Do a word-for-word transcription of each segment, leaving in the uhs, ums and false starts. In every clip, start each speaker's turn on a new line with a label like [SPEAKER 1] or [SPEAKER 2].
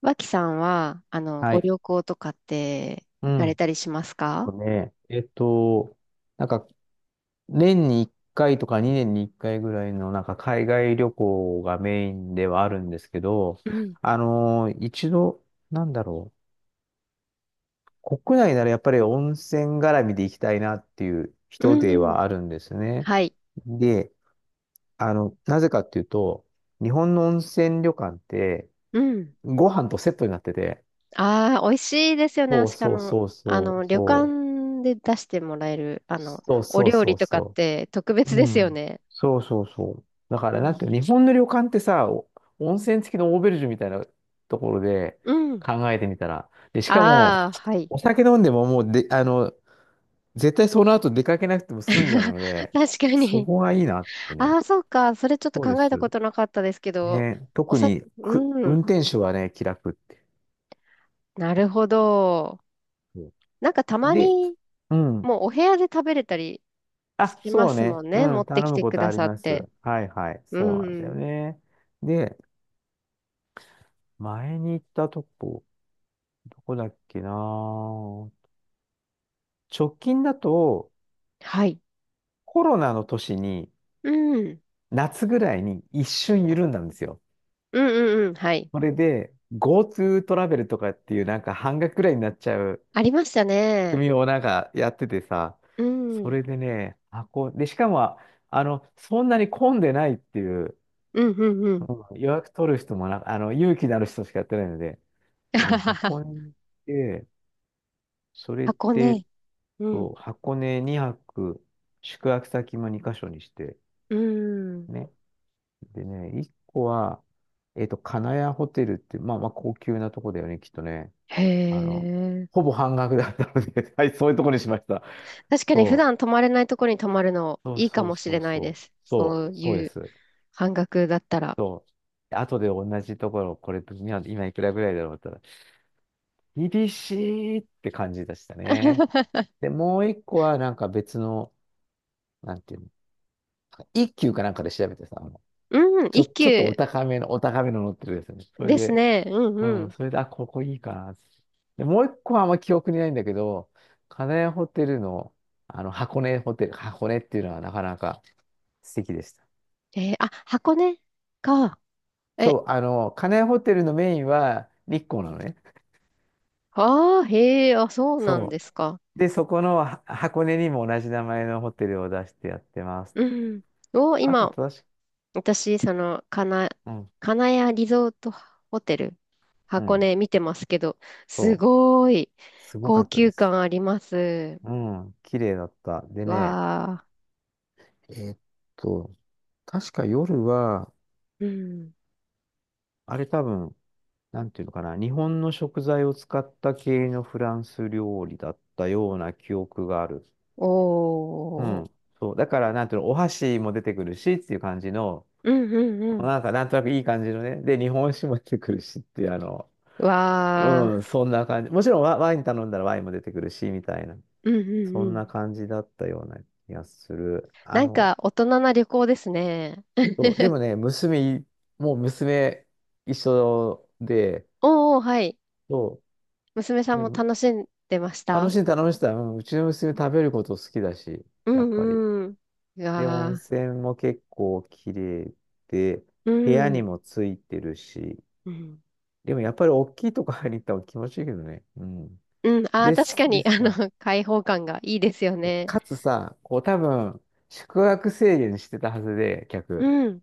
[SPEAKER 1] 脇さんは、あの、
[SPEAKER 2] は
[SPEAKER 1] ご
[SPEAKER 2] い。
[SPEAKER 1] 旅行とかって
[SPEAKER 2] う
[SPEAKER 1] 行かれ
[SPEAKER 2] ん。
[SPEAKER 1] たりしますか？
[SPEAKER 2] そうね。えっと、なんか、年にいっかいとかにねんにいっかいぐらいの、なんか、海外旅行がメインではあるんですけど、
[SPEAKER 1] うん。
[SPEAKER 2] あのー一度、なんだろう。国内ならやっぱり温泉絡みで行きたいなっていう
[SPEAKER 1] う
[SPEAKER 2] 人で
[SPEAKER 1] ん。
[SPEAKER 2] はあるんですね。
[SPEAKER 1] はい。
[SPEAKER 2] で、あの、なぜかっていうと、日本の温泉旅館って、
[SPEAKER 1] うん。
[SPEAKER 2] ご飯とセットになってて、
[SPEAKER 1] ああ、美味しいですよね。
[SPEAKER 2] そう
[SPEAKER 1] しか
[SPEAKER 2] そう
[SPEAKER 1] も、
[SPEAKER 2] そう
[SPEAKER 1] あ
[SPEAKER 2] そ
[SPEAKER 1] の、
[SPEAKER 2] う、
[SPEAKER 1] 旅
[SPEAKER 2] そう、
[SPEAKER 1] 館で出してもらえる、あの、
[SPEAKER 2] そう
[SPEAKER 1] お
[SPEAKER 2] そう
[SPEAKER 1] 料
[SPEAKER 2] そ
[SPEAKER 1] 理
[SPEAKER 2] う
[SPEAKER 1] とかっ
[SPEAKER 2] そ
[SPEAKER 1] て特
[SPEAKER 2] う。
[SPEAKER 1] 別で
[SPEAKER 2] う
[SPEAKER 1] すよ
[SPEAKER 2] ん。
[SPEAKER 1] ね。
[SPEAKER 2] そうそうそう。だか
[SPEAKER 1] う
[SPEAKER 2] ら、なん
[SPEAKER 1] ん。
[SPEAKER 2] ていうの、日本の旅館ってさ、お温泉付きのオーベルジュみたいなところで
[SPEAKER 1] うん。
[SPEAKER 2] 考えてみたら。で、しかも、
[SPEAKER 1] ああ、はい。
[SPEAKER 2] お酒飲んでももうで、あの、絶対その後出かけなくても済んじゃう ので、
[SPEAKER 1] 確か
[SPEAKER 2] そ
[SPEAKER 1] に。
[SPEAKER 2] こがいいなって
[SPEAKER 1] あ
[SPEAKER 2] ね。
[SPEAKER 1] あ、そうか。それちょっと
[SPEAKER 2] そうで
[SPEAKER 1] 考えた
[SPEAKER 2] す。
[SPEAKER 1] ことなかったですけど、
[SPEAKER 2] ね、
[SPEAKER 1] お
[SPEAKER 2] 特
[SPEAKER 1] さ、
[SPEAKER 2] にく、
[SPEAKER 1] う
[SPEAKER 2] 運
[SPEAKER 1] ん。
[SPEAKER 2] 転手はね、気楽って。
[SPEAKER 1] なるほど。
[SPEAKER 2] そ
[SPEAKER 1] なんかた
[SPEAKER 2] う
[SPEAKER 1] ま
[SPEAKER 2] で、
[SPEAKER 1] に、
[SPEAKER 2] うん。
[SPEAKER 1] もうお部屋で食べれたり、
[SPEAKER 2] あ、
[SPEAKER 1] しま
[SPEAKER 2] そう
[SPEAKER 1] す
[SPEAKER 2] ね。
[SPEAKER 1] もんね。
[SPEAKER 2] う
[SPEAKER 1] 持
[SPEAKER 2] ん、
[SPEAKER 1] って
[SPEAKER 2] 頼
[SPEAKER 1] き
[SPEAKER 2] む
[SPEAKER 1] て
[SPEAKER 2] こ
[SPEAKER 1] く
[SPEAKER 2] とあ
[SPEAKER 1] だ
[SPEAKER 2] り
[SPEAKER 1] さっ
[SPEAKER 2] ます。
[SPEAKER 1] て。
[SPEAKER 2] はいはい。
[SPEAKER 1] う
[SPEAKER 2] そうなんだよ
[SPEAKER 1] ん。
[SPEAKER 2] ね。で、前に行ったとこ、どこだっけな、直近だと、
[SPEAKER 1] はい。
[SPEAKER 2] コロナの年に、
[SPEAKER 1] うん。
[SPEAKER 2] 夏ぐらいに一瞬緩んだんですよ。
[SPEAKER 1] うんうんうん。はい。
[SPEAKER 2] それで、GoTo トラベルとかっていう、なんか半額ぐらいになっちゃう
[SPEAKER 1] ありました
[SPEAKER 2] 仕
[SPEAKER 1] ね。
[SPEAKER 2] 組みをなんかやっててさ、
[SPEAKER 1] うん。う
[SPEAKER 2] そ
[SPEAKER 1] ん
[SPEAKER 2] れでね、あ、こう、で、しかも、あの、そんなに混んでないっていう、
[SPEAKER 1] うんうん。
[SPEAKER 2] うん、予約取る人もな、あの、勇気のある人しかやってないので、でね、
[SPEAKER 1] あはは。
[SPEAKER 2] 箱根に行って、それ
[SPEAKER 1] 箱
[SPEAKER 2] で、
[SPEAKER 1] ね。うん。
[SPEAKER 2] そう箱根にはく、宿泊先もにカ所にして、
[SPEAKER 1] うん。
[SPEAKER 2] ね。でね、一個は、えっと、金谷ホテルって、まあまあ高級なとこだよね、きっとね。
[SPEAKER 1] へ
[SPEAKER 2] あの、ほ
[SPEAKER 1] え。
[SPEAKER 2] ぼ半額だったので、 はい、そういうとこにしました。
[SPEAKER 1] 確かに普
[SPEAKER 2] そう、
[SPEAKER 1] 段泊まれないとこに泊まるの
[SPEAKER 2] そう
[SPEAKER 1] いいか
[SPEAKER 2] そう
[SPEAKER 1] もし
[SPEAKER 2] そ
[SPEAKER 1] れ
[SPEAKER 2] う
[SPEAKER 1] ない
[SPEAKER 2] そ
[SPEAKER 1] で
[SPEAKER 2] う、
[SPEAKER 1] す。
[SPEAKER 2] そ
[SPEAKER 1] そ
[SPEAKER 2] う、
[SPEAKER 1] う
[SPEAKER 2] そうで
[SPEAKER 1] いう
[SPEAKER 2] す。
[SPEAKER 1] 半額だったら。
[SPEAKER 2] そう。後で同じところ、これ、今今いくらぐらいだろうって言ったら、厳しいって感じでしたね。で、もう一個は、なんか別の、なんていうの、一級かなんかで調べてさ、あの
[SPEAKER 1] うん。
[SPEAKER 2] ちょ、
[SPEAKER 1] 一
[SPEAKER 2] ちょっと
[SPEAKER 1] 級
[SPEAKER 2] お高めの、お高めの乗ってるですね。それ
[SPEAKER 1] です
[SPEAKER 2] で、
[SPEAKER 1] ね。うんう
[SPEAKER 2] うん、
[SPEAKER 1] ん。
[SPEAKER 2] それで、あ、ここいいかな。で、もう一個はあんま記憶にないんだけど、金谷ホテルの、あの、箱根ホテル、箱根っていうのはなかなか素敵でした。
[SPEAKER 1] えーあ、箱根か。
[SPEAKER 2] そ
[SPEAKER 1] え、
[SPEAKER 2] う、あの、金谷ホテルのメインは日光なのね。
[SPEAKER 1] ああ、へえ、あ、そうな
[SPEAKER 2] そ
[SPEAKER 1] んですか。
[SPEAKER 2] う。で、そこのは箱根にも同じ名前のホテルを出してやってます。
[SPEAKER 1] うん。を、
[SPEAKER 2] あと、
[SPEAKER 1] 今、
[SPEAKER 2] 正しく、
[SPEAKER 1] 私、その、かな、
[SPEAKER 2] うん、
[SPEAKER 1] 金谷リゾートホテル、
[SPEAKER 2] う
[SPEAKER 1] 箱
[SPEAKER 2] ん、
[SPEAKER 1] 根見てますけど、す
[SPEAKER 2] そう、
[SPEAKER 1] ごい
[SPEAKER 2] すごか
[SPEAKER 1] 高
[SPEAKER 2] ったで
[SPEAKER 1] 級
[SPEAKER 2] す。
[SPEAKER 1] 感あります。
[SPEAKER 2] うん、綺麗だった。でね、
[SPEAKER 1] わ
[SPEAKER 2] えーっと、確か夜は、
[SPEAKER 1] ー。うん。
[SPEAKER 2] あれ多分、なんていうのかな、日本の食材を使った系のフランス料理だったような記憶がある。う
[SPEAKER 1] おー。
[SPEAKER 2] ん。そう。だから、なんていうの、お箸も出てくるしっていう感じの、
[SPEAKER 1] うんうんうん。
[SPEAKER 2] なんか、なんとなくいい感じのね。で、日本酒も出てくるしっていう、あの、
[SPEAKER 1] わー。
[SPEAKER 2] うん、そんな感じ。もちろんワ、ワイン頼んだらワインも出てくるし、みたいな。
[SPEAKER 1] うんう
[SPEAKER 2] そ
[SPEAKER 1] んう
[SPEAKER 2] ん
[SPEAKER 1] ん。
[SPEAKER 2] な感じだったような気がする。あ
[SPEAKER 1] なん
[SPEAKER 2] の、
[SPEAKER 1] か、大人な旅行ですね。
[SPEAKER 2] そう。でもね、娘い、もう娘一緒で、
[SPEAKER 1] おーおー、はい。
[SPEAKER 2] そ
[SPEAKER 1] 娘さ
[SPEAKER 2] う。
[SPEAKER 1] ん
[SPEAKER 2] で
[SPEAKER 1] も楽しんでまし
[SPEAKER 2] 楽
[SPEAKER 1] た？
[SPEAKER 2] しんで楽しんでた。うん、うちの娘食べること好きだし、
[SPEAKER 1] う
[SPEAKER 2] やっぱり。
[SPEAKER 1] んうん。う
[SPEAKER 2] で、温
[SPEAKER 1] わ
[SPEAKER 2] 泉も結構綺麗で、
[SPEAKER 1] ー。う
[SPEAKER 2] 部屋
[SPEAKER 1] ん。
[SPEAKER 2] にもついてるし、
[SPEAKER 1] うん
[SPEAKER 2] でもやっぱり大きいとこ入りに行った方が気持ちいいけどね。うん。
[SPEAKER 1] うん。ああ、
[SPEAKER 2] で
[SPEAKER 1] 確
[SPEAKER 2] す、
[SPEAKER 1] か
[SPEAKER 2] で
[SPEAKER 1] に、
[SPEAKER 2] す
[SPEAKER 1] あの、
[SPEAKER 2] な。
[SPEAKER 1] 開放感がいいですよ
[SPEAKER 2] で
[SPEAKER 1] ね。
[SPEAKER 2] かつさ、こう多分、宿泊制限してたはずで、
[SPEAKER 1] う
[SPEAKER 2] 客。
[SPEAKER 1] ん。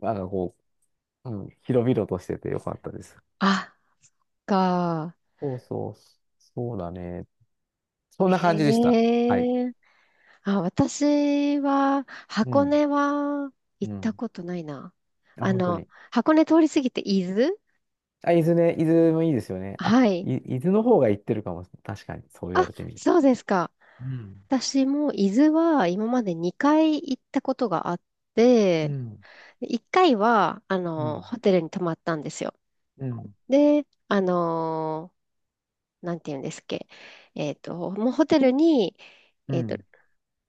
[SPEAKER 2] なんかこう、うん、広々としててよかったです。
[SPEAKER 1] あ、か。
[SPEAKER 2] そうそう、そうだね。そんな感じでした。はい。
[SPEAKER 1] へえ。あ、私は、
[SPEAKER 2] う
[SPEAKER 1] 箱
[SPEAKER 2] ん、
[SPEAKER 1] 根は行っ
[SPEAKER 2] う
[SPEAKER 1] た
[SPEAKER 2] ん。
[SPEAKER 1] ことないな。
[SPEAKER 2] あ、
[SPEAKER 1] あ
[SPEAKER 2] 本当
[SPEAKER 1] の、
[SPEAKER 2] に。
[SPEAKER 1] 箱根通り過ぎて伊豆。
[SPEAKER 2] あ、伊豆ね、伊豆もいいですよね。あ、
[SPEAKER 1] はい。
[SPEAKER 2] い、伊豆の方が行ってるかも。確かに、そう言わ
[SPEAKER 1] あ、
[SPEAKER 2] れてみれば。
[SPEAKER 1] そうですか。
[SPEAKER 2] うん、
[SPEAKER 1] 私も伊豆は今までにかい行ったことがあっ
[SPEAKER 2] う
[SPEAKER 1] て、
[SPEAKER 2] ん、
[SPEAKER 1] いっかいはあ
[SPEAKER 2] う
[SPEAKER 1] の
[SPEAKER 2] ん、
[SPEAKER 1] ホテルに泊まったんですよ。
[SPEAKER 2] うん、
[SPEAKER 1] で、あのなんていうんですっけ、えっと、もうホテルに、
[SPEAKER 2] う
[SPEAKER 1] えっと、
[SPEAKER 2] ん、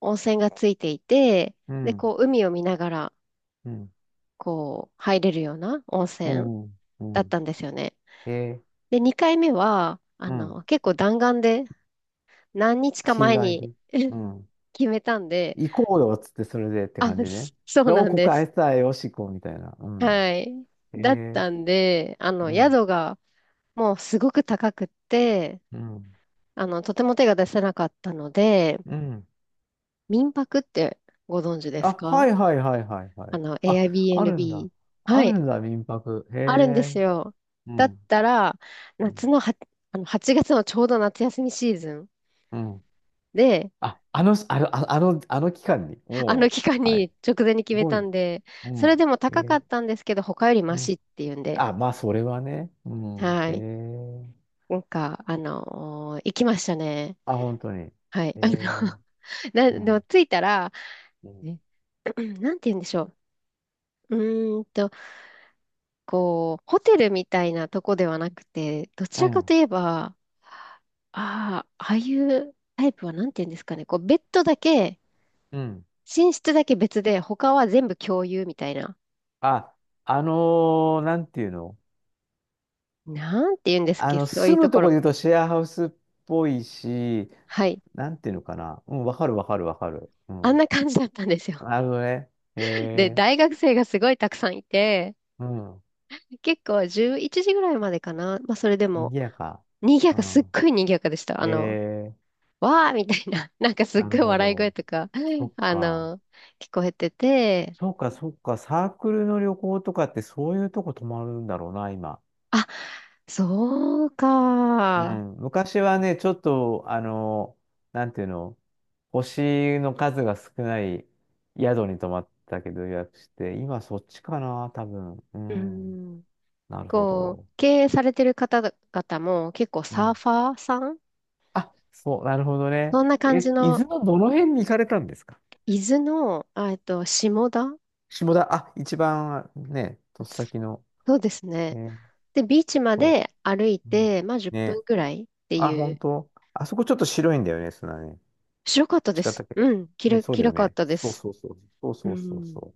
[SPEAKER 1] 温泉がついていて、
[SPEAKER 2] う
[SPEAKER 1] で、
[SPEAKER 2] ん、
[SPEAKER 1] こう、海を見ながら、
[SPEAKER 2] うん、
[SPEAKER 1] こう、入れるような温
[SPEAKER 2] う
[SPEAKER 1] 泉
[SPEAKER 2] ん、う
[SPEAKER 1] だっ
[SPEAKER 2] ん、
[SPEAKER 1] たんですよね。
[SPEAKER 2] えー
[SPEAKER 1] で、にかいめは、あ
[SPEAKER 2] うん、
[SPEAKER 1] の、結構弾丸で、何日か
[SPEAKER 2] 日
[SPEAKER 1] 前
[SPEAKER 2] 帰
[SPEAKER 1] に
[SPEAKER 2] り。うん。
[SPEAKER 1] 決めたんで、
[SPEAKER 2] 行こうよっつって、それでって
[SPEAKER 1] あ、
[SPEAKER 2] 感じ
[SPEAKER 1] そ
[SPEAKER 2] ね。
[SPEAKER 1] そう
[SPEAKER 2] で、お、
[SPEAKER 1] なん
[SPEAKER 2] こ
[SPEAKER 1] で
[SPEAKER 2] こ愛
[SPEAKER 1] す。
[SPEAKER 2] さえよしこうみたいな。うん。
[SPEAKER 1] はい。
[SPEAKER 2] え
[SPEAKER 1] だっ
[SPEAKER 2] ー、
[SPEAKER 1] たんで、あ
[SPEAKER 2] う
[SPEAKER 1] の、
[SPEAKER 2] ん、
[SPEAKER 1] 宿がもうすごく高くって、
[SPEAKER 2] うん、
[SPEAKER 1] あの、とても手が出せなかったので、
[SPEAKER 2] うん。
[SPEAKER 1] 民泊ってご存知で
[SPEAKER 2] あ、
[SPEAKER 1] すか？
[SPEAKER 2] はいはいはいはいは
[SPEAKER 1] あ
[SPEAKER 2] い。
[SPEAKER 1] の、
[SPEAKER 2] あ、あるんだ。
[SPEAKER 1] エアビーアンドビー。は
[SPEAKER 2] ある
[SPEAKER 1] い。
[SPEAKER 2] んだ、民泊。へ
[SPEAKER 1] あるんです
[SPEAKER 2] え。
[SPEAKER 1] よ。
[SPEAKER 2] う
[SPEAKER 1] だっ
[SPEAKER 2] ん、
[SPEAKER 1] たら、
[SPEAKER 2] う
[SPEAKER 1] 夏のは、あのはちがつのちょうど夏休みシーズン
[SPEAKER 2] ん、
[SPEAKER 1] で、
[SPEAKER 2] あ、あの、あの、ああの、あの期間に、
[SPEAKER 1] あの
[SPEAKER 2] も
[SPEAKER 1] 期間
[SPEAKER 2] う、はい。
[SPEAKER 1] に直前に
[SPEAKER 2] す
[SPEAKER 1] 決め
[SPEAKER 2] ご
[SPEAKER 1] た
[SPEAKER 2] い。
[SPEAKER 1] んで、
[SPEAKER 2] う
[SPEAKER 1] それ
[SPEAKER 2] ん。
[SPEAKER 1] でも
[SPEAKER 2] え
[SPEAKER 1] 高かっ
[SPEAKER 2] ー
[SPEAKER 1] たんですけど、他よりマ
[SPEAKER 2] う
[SPEAKER 1] シ
[SPEAKER 2] ん。
[SPEAKER 1] っていうんで、
[SPEAKER 2] あ、まあ、それはね。うん。
[SPEAKER 1] は
[SPEAKER 2] え
[SPEAKER 1] い。
[SPEAKER 2] ー、
[SPEAKER 1] なんか、あのー行きましたね。
[SPEAKER 2] あ、本当に。
[SPEAKER 1] はい。
[SPEAKER 2] え
[SPEAKER 1] あの、
[SPEAKER 2] ー、
[SPEAKER 1] な、で
[SPEAKER 2] う
[SPEAKER 1] も
[SPEAKER 2] ん。
[SPEAKER 1] 着いたら、
[SPEAKER 2] うん。
[SPEAKER 1] ね なんて言うんでしょう。うーんと、こう、ホテルみたいなとこではなくて、どち
[SPEAKER 2] う
[SPEAKER 1] らか
[SPEAKER 2] ん。
[SPEAKER 1] といえば、ああ、ああいうタイプはなんて言うんですかね。こう、ベッドだけ、
[SPEAKER 2] うん、
[SPEAKER 1] 寝室だけ別で、他は全部共有みたいな。
[SPEAKER 2] あ、あのーなんていうの、
[SPEAKER 1] なんて言うんですっ
[SPEAKER 2] あ
[SPEAKER 1] け、
[SPEAKER 2] の、
[SPEAKER 1] そうい
[SPEAKER 2] 住
[SPEAKER 1] うと
[SPEAKER 2] むと
[SPEAKER 1] こ
[SPEAKER 2] こ
[SPEAKER 1] ろ。
[SPEAKER 2] で言うとシェアハウスっぽいし、
[SPEAKER 1] はい。
[SPEAKER 2] なんていうのかな。うん、わかるわかるわかる。う
[SPEAKER 1] あん
[SPEAKER 2] ん。
[SPEAKER 1] な感じだったんですよ。
[SPEAKER 2] なるほどね。
[SPEAKER 1] で、
[SPEAKER 2] え
[SPEAKER 1] 大学生がすごいたくさんいて、
[SPEAKER 2] ー、うん。
[SPEAKER 1] 結構じゅういちじぐらいまでかな。まあ、それでも、
[SPEAKER 2] 賑やか。
[SPEAKER 1] 賑や
[SPEAKER 2] う
[SPEAKER 1] か、すっ
[SPEAKER 2] ん。
[SPEAKER 1] ごい賑やかでした。あの、
[SPEAKER 2] えー、
[SPEAKER 1] わーみたいな、なんかす
[SPEAKER 2] な
[SPEAKER 1] っ
[SPEAKER 2] る
[SPEAKER 1] ごい
[SPEAKER 2] ほ
[SPEAKER 1] 笑い声
[SPEAKER 2] ど。
[SPEAKER 1] とか、
[SPEAKER 2] そっ
[SPEAKER 1] あ
[SPEAKER 2] か。
[SPEAKER 1] の、聞こえてて、
[SPEAKER 2] そうか、そうか、サークルの旅行とかってそういうとこ泊まるんだろうな、今。
[SPEAKER 1] あ、そう
[SPEAKER 2] う
[SPEAKER 1] か。
[SPEAKER 2] ん。昔はね、ちょっと、あの、なんていうの、星の数が少ない宿に泊まったけど予約して、今そっちかな、多分。う
[SPEAKER 1] う
[SPEAKER 2] ん。
[SPEAKER 1] ん。
[SPEAKER 2] なるほ
[SPEAKER 1] こう、
[SPEAKER 2] ど。
[SPEAKER 1] 経営されてる方々も結構
[SPEAKER 2] う
[SPEAKER 1] サー
[SPEAKER 2] ん。
[SPEAKER 1] ファーさん。
[SPEAKER 2] あ、そう、なるほど
[SPEAKER 1] そ
[SPEAKER 2] ね。
[SPEAKER 1] んな感じ
[SPEAKER 2] え、伊
[SPEAKER 1] の、
[SPEAKER 2] 豆のどの辺に行かれたんですか？
[SPEAKER 1] 伊豆の、あえっと、下田。
[SPEAKER 2] 下田、あ、一番ね、とっさきの。
[SPEAKER 1] そうですね。
[SPEAKER 2] ね、
[SPEAKER 1] で、ビーチま
[SPEAKER 2] そ
[SPEAKER 1] で歩い
[SPEAKER 2] う。うん
[SPEAKER 1] て、まあじゅっぷん
[SPEAKER 2] ね。
[SPEAKER 1] ぐらいって
[SPEAKER 2] あ、
[SPEAKER 1] い
[SPEAKER 2] 本
[SPEAKER 1] う。
[SPEAKER 2] 当。あそこちょっと白いんだよね、砂ね。
[SPEAKER 1] 白かったで
[SPEAKER 2] 違った
[SPEAKER 1] す。
[SPEAKER 2] っけ
[SPEAKER 1] うん、き
[SPEAKER 2] ね、
[SPEAKER 1] ら、
[SPEAKER 2] そう
[SPEAKER 1] き
[SPEAKER 2] だよ
[SPEAKER 1] らかっ
[SPEAKER 2] ね。
[SPEAKER 1] たで
[SPEAKER 2] そう
[SPEAKER 1] す。
[SPEAKER 2] そうそう。そう
[SPEAKER 1] う
[SPEAKER 2] そうそうそ
[SPEAKER 1] ん。
[SPEAKER 2] う。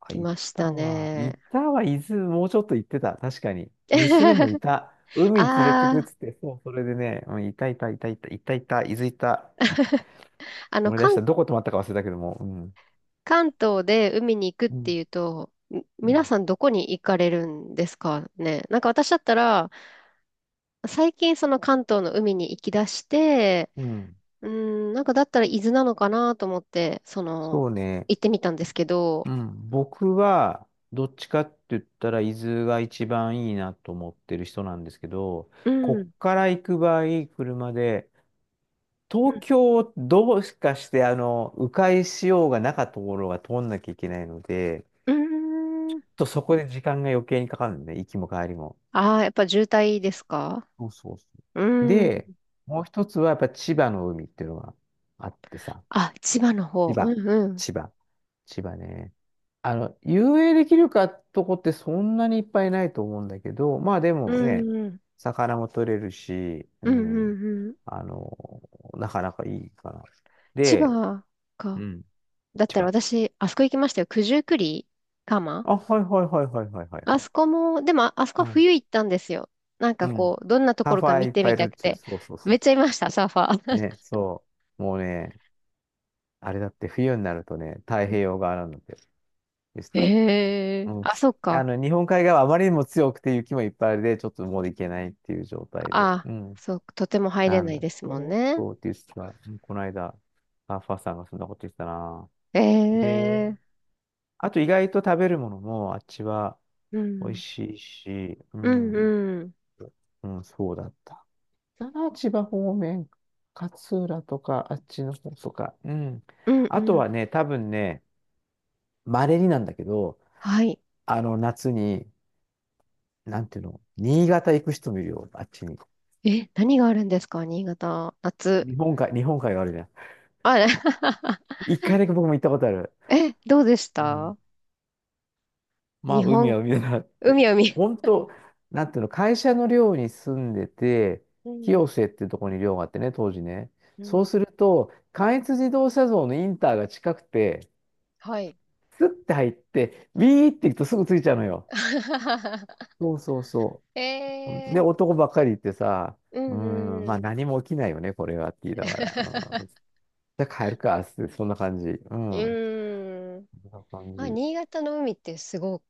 [SPEAKER 2] あ、
[SPEAKER 1] 来
[SPEAKER 2] い
[SPEAKER 1] まし
[SPEAKER 2] た
[SPEAKER 1] た
[SPEAKER 2] わ。い
[SPEAKER 1] ね。
[SPEAKER 2] たわ。伊豆、もうちょっと行ってた。確かに。娘もいた。海に連れてくっ
[SPEAKER 1] ああ、
[SPEAKER 2] つって、そう、それでね、うん、いたいたいたいたいたいた、伊豆いた。
[SPEAKER 1] あの、
[SPEAKER 2] 思い出し
[SPEAKER 1] 関
[SPEAKER 2] た。どこ泊まったか忘れたけども。うん。
[SPEAKER 1] 関東で海に行くっ
[SPEAKER 2] う
[SPEAKER 1] て
[SPEAKER 2] ん。
[SPEAKER 1] いうと、み
[SPEAKER 2] う
[SPEAKER 1] 皆
[SPEAKER 2] ん。
[SPEAKER 1] さんどこに行かれるんですかね。なんか私だったら、最近その関東の海に行き出して、
[SPEAKER 2] うん、
[SPEAKER 1] うーん、なんかだったら伊豆なのかなと思って、その、
[SPEAKER 2] そうね。
[SPEAKER 1] 行ってみたんですけど、
[SPEAKER 2] うん。僕は、どっちかって言ったら、伊豆が一番いいなと思ってる人なんですけど、
[SPEAKER 1] う
[SPEAKER 2] こ
[SPEAKER 1] ん。
[SPEAKER 2] っから行く場合、車で、東京をどうしかして、あの、迂回しようがなかったところが通んなきゃいけないので、ち
[SPEAKER 1] うんうー
[SPEAKER 2] ょっ
[SPEAKER 1] ん。
[SPEAKER 2] とそこで時間が余計にかかるんで、ね、行きも帰りも。
[SPEAKER 1] ああー、やっぱ渋滞ですか？
[SPEAKER 2] そうそうそ
[SPEAKER 1] う
[SPEAKER 2] う。
[SPEAKER 1] ん。
[SPEAKER 2] で、もう一つはやっぱ千葉の海っていうのがあってさ、
[SPEAKER 1] あ、千葉の方。
[SPEAKER 2] 千
[SPEAKER 1] う
[SPEAKER 2] 葉、
[SPEAKER 1] んうん。
[SPEAKER 2] 千葉、千葉ね。あの、遊泳できるかとこってそんなにいっぱいないと思うんだけど、まあで
[SPEAKER 1] う
[SPEAKER 2] もね、
[SPEAKER 1] んうん。
[SPEAKER 2] 魚も取れるし、う
[SPEAKER 1] うんう
[SPEAKER 2] ん、
[SPEAKER 1] んうん。
[SPEAKER 2] あの、なかなかいいかな。
[SPEAKER 1] 千
[SPEAKER 2] で、
[SPEAKER 1] 葉
[SPEAKER 2] う
[SPEAKER 1] か。
[SPEAKER 2] ん。
[SPEAKER 1] だっ
[SPEAKER 2] 千
[SPEAKER 1] たら
[SPEAKER 2] 葉、
[SPEAKER 1] 私、あそこ行きましたよ。九十九里。蒲
[SPEAKER 2] あ、はいはいはいはいはいはい
[SPEAKER 1] あ
[SPEAKER 2] はい。
[SPEAKER 1] そこも、でもあ、あそこ
[SPEAKER 2] う
[SPEAKER 1] は
[SPEAKER 2] ん。
[SPEAKER 1] 冬行ったんですよ。なん
[SPEAKER 2] う
[SPEAKER 1] か
[SPEAKER 2] ん。
[SPEAKER 1] こう、どんなと
[SPEAKER 2] サ
[SPEAKER 1] こ
[SPEAKER 2] ー
[SPEAKER 1] ろ
[SPEAKER 2] フ
[SPEAKER 1] か
[SPEAKER 2] ァー
[SPEAKER 1] 見
[SPEAKER 2] いっ
[SPEAKER 1] て
[SPEAKER 2] ぱ
[SPEAKER 1] み
[SPEAKER 2] いいる
[SPEAKER 1] た
[SPEAKER 2] っ
[SPEAKER 1] く
[SPEAKER 2] ちゅう。
[SPEAKER 1] て。
[SPEAKER 2] そうそうそ
[SPEAKER 1] めっ
[SPEAKER 2] う。
[SPEAKER 1] ちゃいました、サーファ
[SPEAKER 2] ね、
[SPEAKER 1] ー。
[SPEAKER 2] そう。もうね、あれだって冬になるとね、太平洋側なんだって。でし た。
[SPEAKER 1] え
[SPEAKER 2] う
[SPEAKER 1] え、
[SPEAKER 2] ん。
[SPEAKER 1] あ、
[SPEAKER 2] き
[SPEAKER 1] そっ
[SPEAKER 2] あ
[SPEAKER 1] か。
[SPEAKER 2] の、日本海側はあまりにも強くて雪もいっぱいあるで、ちょっともう行けないっていう状態で。
[SPEAKER 1] あ、
[SPEAKER 2] うん。
[SPEAKER 1] そう、とても入れ
[SPEAKER 2] なん
[SPEAKER 1] ない
[SPEAKER 2] だっ
[SPEAKER 1] ですもん
[SPEAKER 2] て。
[SPEAKER 1] ね。
[SPEAKER 2] そうって言ってた。うん、この間、サーファーさんがそんなこと言ってたな。えー、
[SPEAKER 1] ええ、
[SPEAKER 2] あと意外と食べるものもあっちは
[SPEAKER 1] う
[SPEAKER 2] 美味
[SPEAKER 1] ん。
[SPEAKER 2] しいし、う
[SPEAKER 1] うん
[SPEAKER 2] ん、
[SPEAKER 1] うん。
[SPEAKER 2] うん、そうだった。あ、千葉方面、勝浦とか、あっちの方とか。うん。
[SPEAKER 1] うんう
[SPEAKER 2] あと
[SPEAKER 1] ん。
[SPEAKER 2] はね、多分ね、稀になんだけど、
[SPEAKER 1] はい。
[SPEAKER 2] あの、夏に、なんていうの、新潟行く人もいるよ、あっちに。
[SPEAKER 1] え、何があるんですか、新潟。夏。
[SPEAKER 2] 日本海、日本海があるじゃん。
[SPEAKER 1] あれ？
[SPEAKER 2] 一回だけ僕も行ったことある。
[SPEAKER 1] え、どうでし
[SPEAKER 2] うん。
[SPEAKER 1] た？
[SPEAKER 2] まあ、
[SPEAKER 1] 日
[SPEAKER 2] 海
[SPEAKER 1] 本、
[SPEAKER 2] は海だなって。
[SPEAKER 1] 海海。
[SPEAKER 2] 本当、なんていうの、会社の寮に住んでて、
[SPEAKER 1] うん、
[SPEAKER 2] 清瀬っていうところに寮があってね、当時ね。
[SPEAKER 1] う
[SPEAKER 2] そう
[SPEAKER 1] ん。
[SPEAKER 2] すると、関越自動車道のインターが近くて、
[SPEAKER 1] はい。
[SPEAKER 2] スッて入って、ビーって行くとすぐついちゃうのよ。そうそうそ
[SPEAKER 1] え
[SPEAKER 2] う。で、
[SPEAKER 1] え、
[SPEAKER 2] 男ばっかりってさ、
[SPEAKER 1] う
[SPEAKER 2] うー
[SPEAKER 1] ん
[SPEAKER 2] ん、ま
[SPEAKER 1] う
[SPEAKER 2] あ
[SPEAKER 1] ん。
[SPEAKER 2] 何も起きないよね、これはって言いながら。う ん、じゃあ帰るか、っつって、そんな感じ。う
[SPEAKER 1] う
[SPEAKER 2] ん。
[SPEAKER 1] ーん。
[SPEAKER 2] そんな感
[SPEAKER 1] まあ、
[SPEAKER 2] じ。
[SPEAKER 1] 新潟の海ってすごく、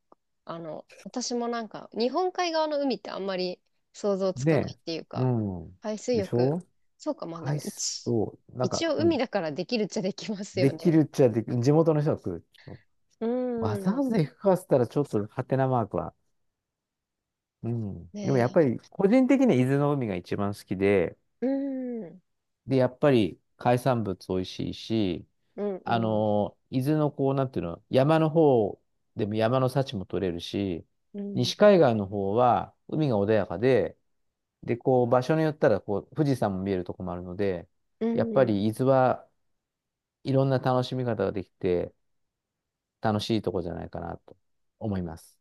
[SPEAKER 1] あの、私もなんか、日本海側の海ってあんまり想像つかない
[SPEAKER 2] で、
[SPEAKER 1] っていう
[SPEAKER 2] う
[SPEAKER 1] か、
[SPEAKER 2] ん。
[SPEAKER 1] 海水
[SPEAKER 2] でし
[SPEAKER 1] 浴、
[SPEAKER 2] ょ、
[SPEAKER 1] そうか、まあで
[SPEAKER 2] ア
[SPEAKER 1] も
[SPEAKER 2] イス
[SPEAKER 1] 一、
[SPEAKER 2] を、なんか、
[SPEAKER 1] 一応
[SPEAKER 2] う
[SPEAKER 1] 海
[SPEAKER 2] ん。
[SPEAKER 1] だからできるっちゃできますよ
[SPEAKER 2] できる
[SPEAKER 1] ね。
[SPEAKER 2] っちゃできる。地元の人が来る。
[SPEAKER 1] う
[SPEAKER 2] わざ
[SPEAKER 1] ーん。
[SPEAKER 2] わざ行くかっつったらちょっとハテナマークは。うん。でも
[SPEAKER 1] ね
[SPEAKER 2] やっぱ
[SPEAKER 1] え。
[SPEAKER 2] り個人的には伊豆の海が一番好きで、
[SPEAKER 1] うーん。
[SPEAKER 2] で、やっぱり海産物美味しいし、
[SPEAKER 1] うん
[SPEAKER 2] あ
[SPEAKER 1] うん。
[SPEAKER 2] の、伊豆のこう、なんていうの、山の方でも山の幸も取れるし、
[SPEAKER 1] うん。
[SPEAKER 2] 西海岸の方は海が穏やかで、で、こう、場所によったら、こう、富士山も見えるとこもあるので、
[SPEAKER 1] う
[SPEAKER 2] やっぱ
[SPEAKER 1] ん。
[SPEAKER 2] り伊豆はいろんな楽しみ方ができて、楽しいとこじゃないかなと思います。